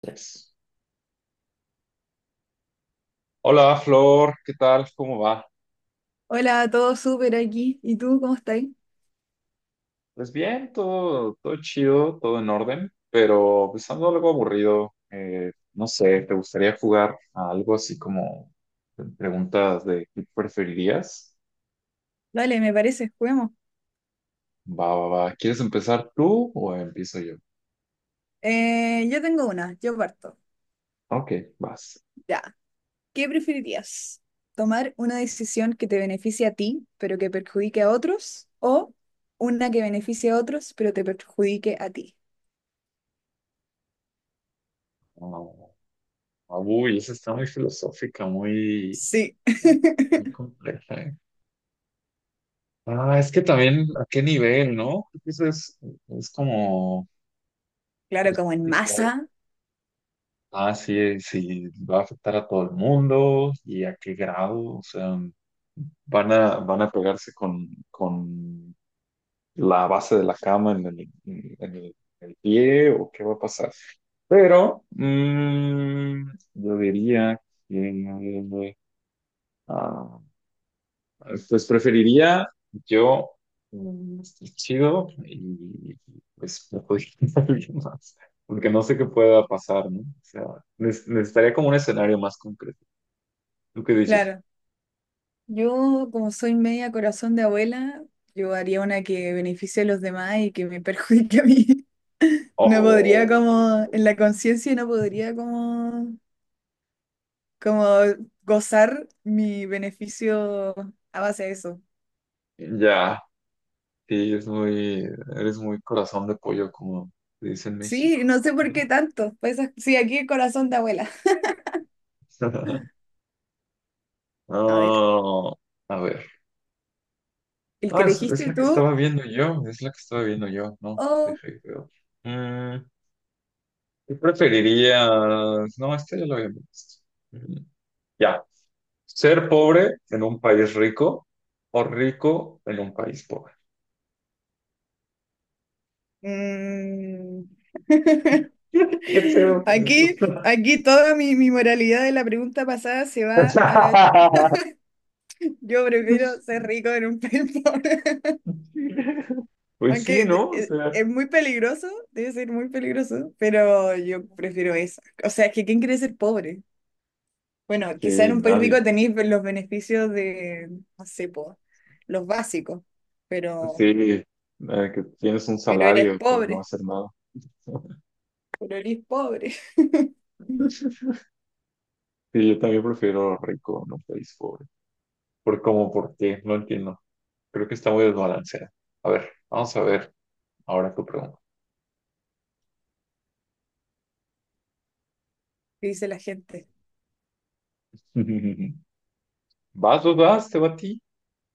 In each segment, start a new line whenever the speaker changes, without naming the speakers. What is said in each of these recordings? Tres. Hola Flor, ¿qué tal? ¿Cómo va?
Hola, todo súper aquí. ¿Y tú cómo estás?
Pues bien, todo chido, todo en orden, pero pues ando algo aburrido. No sé, ¿te gustaría jugar a algo así como preguntas de qué preferirías?
Dale, me parece, juguemos.
Va, va, va. ¿Quieres empezar tú o empiezo yo?
Yo tengo una, yo parto.
Ok, vas.
Ya. ¿Qué preferirías? ¿Tomar una decisión que te beneficie a ti, pero que perjudique a otros? ¿O una que beneficie a otros, pero te perjudique a ti?
Oh, uy, esa está muy filosófica, muy,
Sí.
muy compleja, ¿eh? Ah, es que también a qué nivel, ¿no? Creo que eso es como
Claro,
pues,
como en masa.
ah, sí, sí, va a afectar a todo el mundo y a qué grado, o sea, van a pegarse con la base de la cama en el pie o qué va a pasar. Pero yo diría que, ah, pues preferiría yo estar chido y pues no podría alguien más, porque no sé qué pueda pasar, ¿no? O sea, necesitaría como un escenario más concreto. ¿Tú qué dices?
Claro. Yo, como soy media corazón de abuela, yo haría una que beneficie a los demás y que me perjudique a mí. No podría
Oh,
como, en la conciencia no podría como gozar mi beneficio a base de eso.
ya, sí, eres muy corazón de pollo, como se dice en
Sí,
México.
no sé por qué tanto. Pues, sí, aquí el corazón de abuela. A ver,
Oh, a ver.
el que
Ah, es
elegiste
la que
tú,
estaba viendo yo, es la que estaba viendo yo, no,
oh,
dejé, creo. ¿Qué preferirías? No, este ya lo había visto. Mm, ya. ¿Ser pobre en un país rico o rico en un país pobre?
mm.
¿Qué pedo con eso?
Aquí, aquí toda mi moralidad de la pregunta pasada se va a la... Yo prefiero ser rico en un pelpón.
Pues sí, ¿no? O sea,
Es muy peligroso, debe ser muy peligroso, pero yo prefiero esa. O sea, es que ¿quién quiere ser pobre? Bueno, quizá en
sí,
un país
nadie.
rico tenéis los beneficios de, no sé, po, los básicos, pero,
Sí, que tienes un
pero eres
salario por no
pobre,
hacer nada.
pero eres pobre,
Sí, yo también prefiero rico en un país pobre. ¿Por cómo? ¿Por qué? No entiendo. Creo que está muy desbalanceada. A ver, vamos a ver ahora tu pregunta.
que dice la gente.
Vas, vas, vas, te va a ti.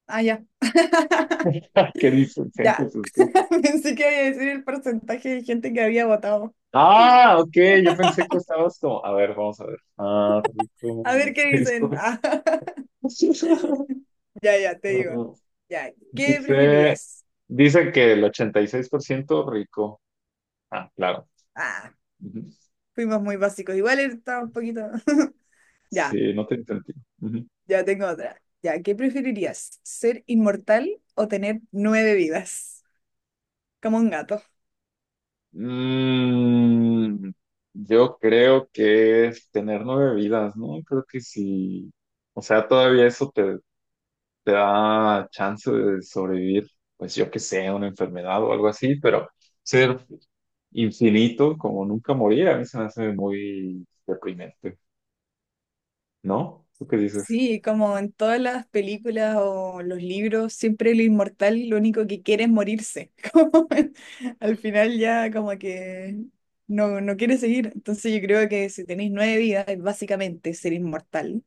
Ah, ya,
Qué
ya.
displicente sus jefes.
Pensé que iba a decir el porcentaje de gente que había votado.
Ah, ok, yo pensé que estabas como. A ver, vamos a ver. Ah, rico.
A ver qué dicen.
rico.
Ah, ya, ya, te digo.
Ah,
Ya, ¿qué
Dice,
preferías?
dice que el 86% rico. Ah, claro.
Ah,
Ujú.
fuimos muy básicos. Igual estaba un poquito. Ya,
Sí, no te entendí. Ujú.
ya, tengo otra. Ya, ¿qué preferirías? ¿Ser inmortal o tener 9 vidas? Como un gato.
Mm, yo creo que es tener nueve vidas, ¿no? Creo que sí. O sea, todavía eso te da chance de sobrevivir, pues yo que sé, a una enfermedad o algo así, pero ser infinito como nunca morir a mí se me hace muy deprimente, ¿no? ¿Tú qué dices?
Sí, como en todas las películas o los libros, siempre el inmortal lo único que quiere es morirse. Como al final ya como que no, no quiere seguir. Entonces yo creo que si tenéis 9 vidas es básicamente ser inmortal.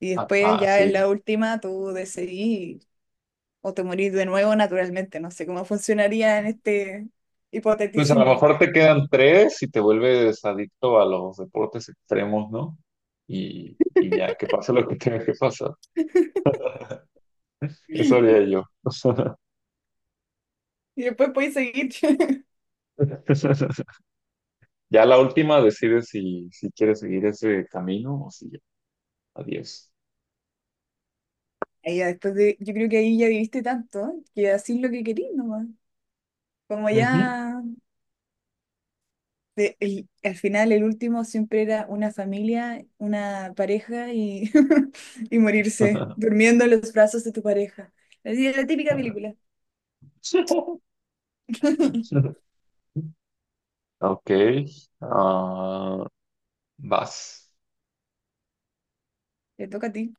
Y después ya en
Sí.
la última tú decidís o te morís de nuevo naturalmente. No sé cómo funcionaría en este
Pues a lo
hipoteticismo.
mejor te quedan tres y te vuelves adicto a los deportes extremos, ¿no? Y ya, que pase lo que tenga que pasar. Eso haría yo.
Y después podéis seguir.
Ya la última decide si quieres seguir ese camino o si ya. Adiós.
Ahí ya después de, yo creo que ahí ya viviste tanto que así es lo que querís nomás. Como
Ujú.
ya de- el- al final el último siempre era una familia, una pareja y, y morirse durmiendo en los brazos de tu pareja. Así es la típica película.
Ok, ah, vas.
Te toca a ti.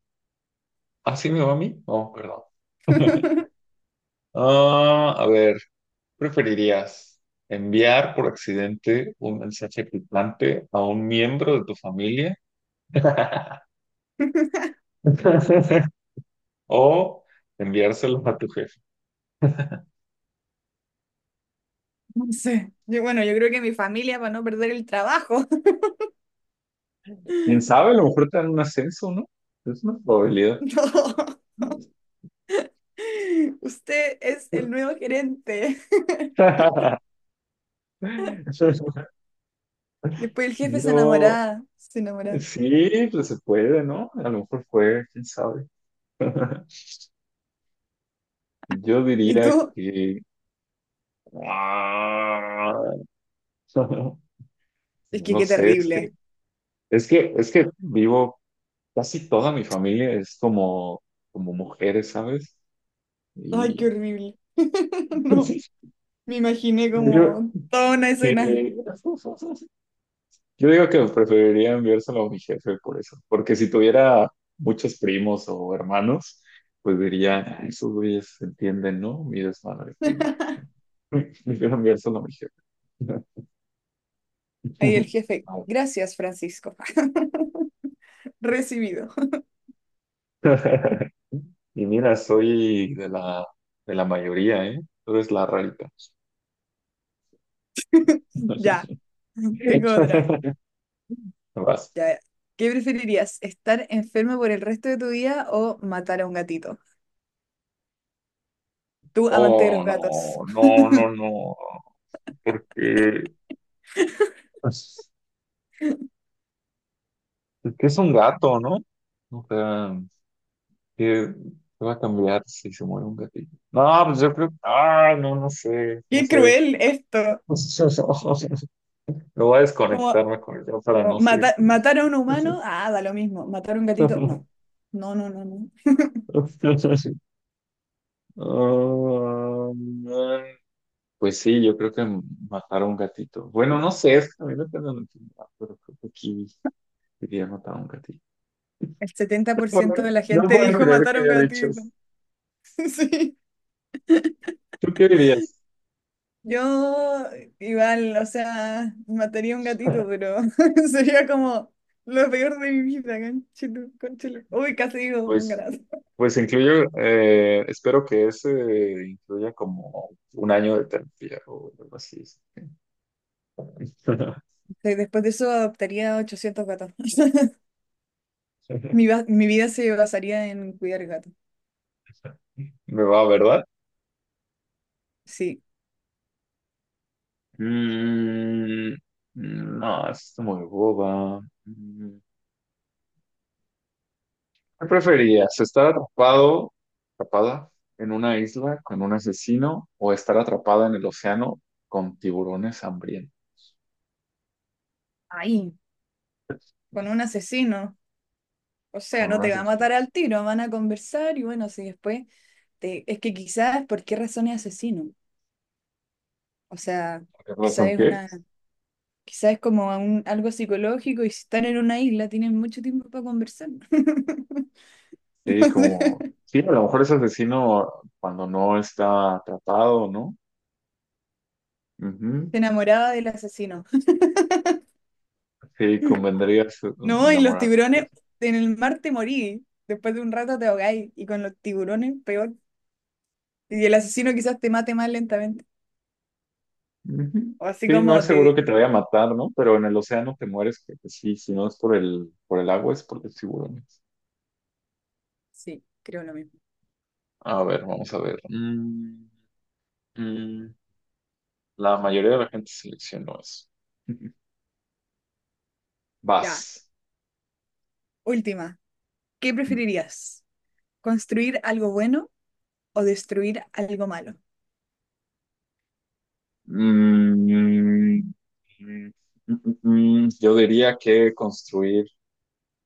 ¿Así me va a mí? No, perdón. Ah, a ver, ¿preferirías enviar por accidente un mensaje picante a un miembro de tu familia o enviárselo a tu jefe?
No sé. Yo, bueno, yo creo que mi familia para no perder el trabajo.
¿Quién sabe? A lo mejor te dan un ascenso, ¿no? Es una probabilidad.
No. Usted es el nuevo gerente. Después el jefe se
Yo
enamoraba, se enamoraba.
Sí, pues se puede, ¿no? A lo mejor fue, quién sabe. Yo
¿Y
diría
tú?
que ... ah,
Es
No
que
lo
qué
sé, es que,
terrible.
es que, es que vivo, casi toda mi familia es como mujeres, ¿sabes?
Ay, qué
Y
horrible. No. Me imaginé
yo,
como toda una
que-
escena.
yo digo que preferiría enviárselo a mi jefe por eso, porque si tuviera muchos primos o hermanos, pues diría, "Ah, esos güeyes entienden, ¿no? Mi desmadre." Yo también eso no me dijeron.
Ahí el jefe. Gracias, Francisco. Recibido.
Y mira, soy de la mayoría, ¿eh? Tú eres la rarita.
Ya, tengo otra.
Vas.
Ya. ¿Qué preferirías? ¿Estar enfermo por el resto de tu vida o matar a un gatito? Tú, amante de
Oh,
los gatos.
no, no, no, no. Porque pues, es que es un gato, ¿no? O sea, ¿qué, qué va a cambiar si se muere un gatito? No, pues yo creo. Ah, no, no sé, no
Qué
sé.
cruel esto.
Me voy a
Como,
desconectarme con el para no seguir con
Matar a un humano,
eso.
ah, da lo mismo. Matar a un gatito, no. No, no, no, no.
Oh, man. Pues sí, yo creo que matar a un gatito. Bueno, no sé, es que a mí no tengo necesidad, pero creo que aquí diría matar a un gatito.
El setenta por
¿Por
ciento
qué?
de la
No
gente
puedo
dijo
creer
matar
que
a un
haya dicho
gatito.
eso.
Sí.
¿Tú qué dirías?
Yo igual, o sea, mataría un gatito, pero sería como lo peor de mi vida, conchito, conchito. Uy, casi digo un
Pues,
gato.
pues incluyo, espero que ese incluya como un año de terapia o algo así.
Después de eso adoptaría 800 gatos. Mi vida se basaría en cuidar gatos.
Me va, ¿verdad?
Sí.
Mm, no, es muy boba. Mm. ¿Qué preferías? ¿Estar atrapado, atrapada en una isla con un asesino o estar atrapada en el océano con tiburones hambrientos?
Ahí, con un asesino. O sea,
Con
no
un
te va a
asesino.
matar al tiro, van a conversar y bueno, si después te... Es que quizás, ¿por qué razón es asesino? O sea,
¿Por ¿qué
quizás
razón
es
qué?
una... Quizás es algo psicológico y si están en una isla tienen mucho tiempo para conversar.
Sí,
No sé.
A lo mejor es asesino cuando no está atrapado, ¿no? Ujú.
Se enamoraba del asesino.
Sí, convendría
No, y los
enamorarse.
tiburones, en el mar te morí. Después de un rato te ahogáis. Y con los tiburones, peor. Y el asesino quizás te mate más lentamente.
Ujú.
O así
Sí, no es
como
seguro
te...
que te vaya a matar, ¿no? Pero en el océano te mueres, que sí, si no es por el agua, es por los tiburones.
Sí, creo lo mismo.
A ver, vamos a ver. Mm, mm. La mayoría de la gente seleccionó eso.
Ya,
Vas.
última. ¿Qué
Mm,
preferirías? ¿Construir algo bueno o destruir algo malo?
mm, mm, yo diría que construir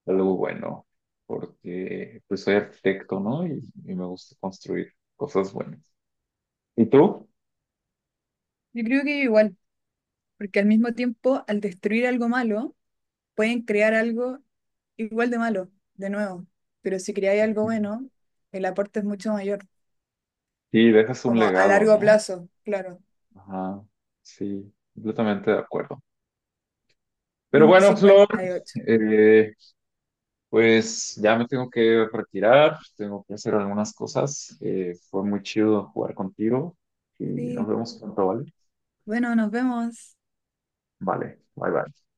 algo bueno, porque pues soy arquitecto, ¿no? Y me gusta construir cosas buenas. ¿Y tú?
Yo creo que igual, porque al mismo tiempo, al destruir algo malo, pueden crear algo igual de malo, de nuevo. Pero si creáis algo
Ujú.
bueno, el aporte es mucho mayor,
Sí, dejas un
como a
legado,
largo
¿no?
plazo, claro.
Ajá, sí, completamente de acuerdo. Pero
Un
bueno, Flor,
58.
eh, Pues ya me tengo que retirar, tengo que hacer algunas cosas. Fue muy chido jugar contigo y nos
Sí,
vemos pronto, ¿vale?
bueno, nos vemos.
Vale, bye bye.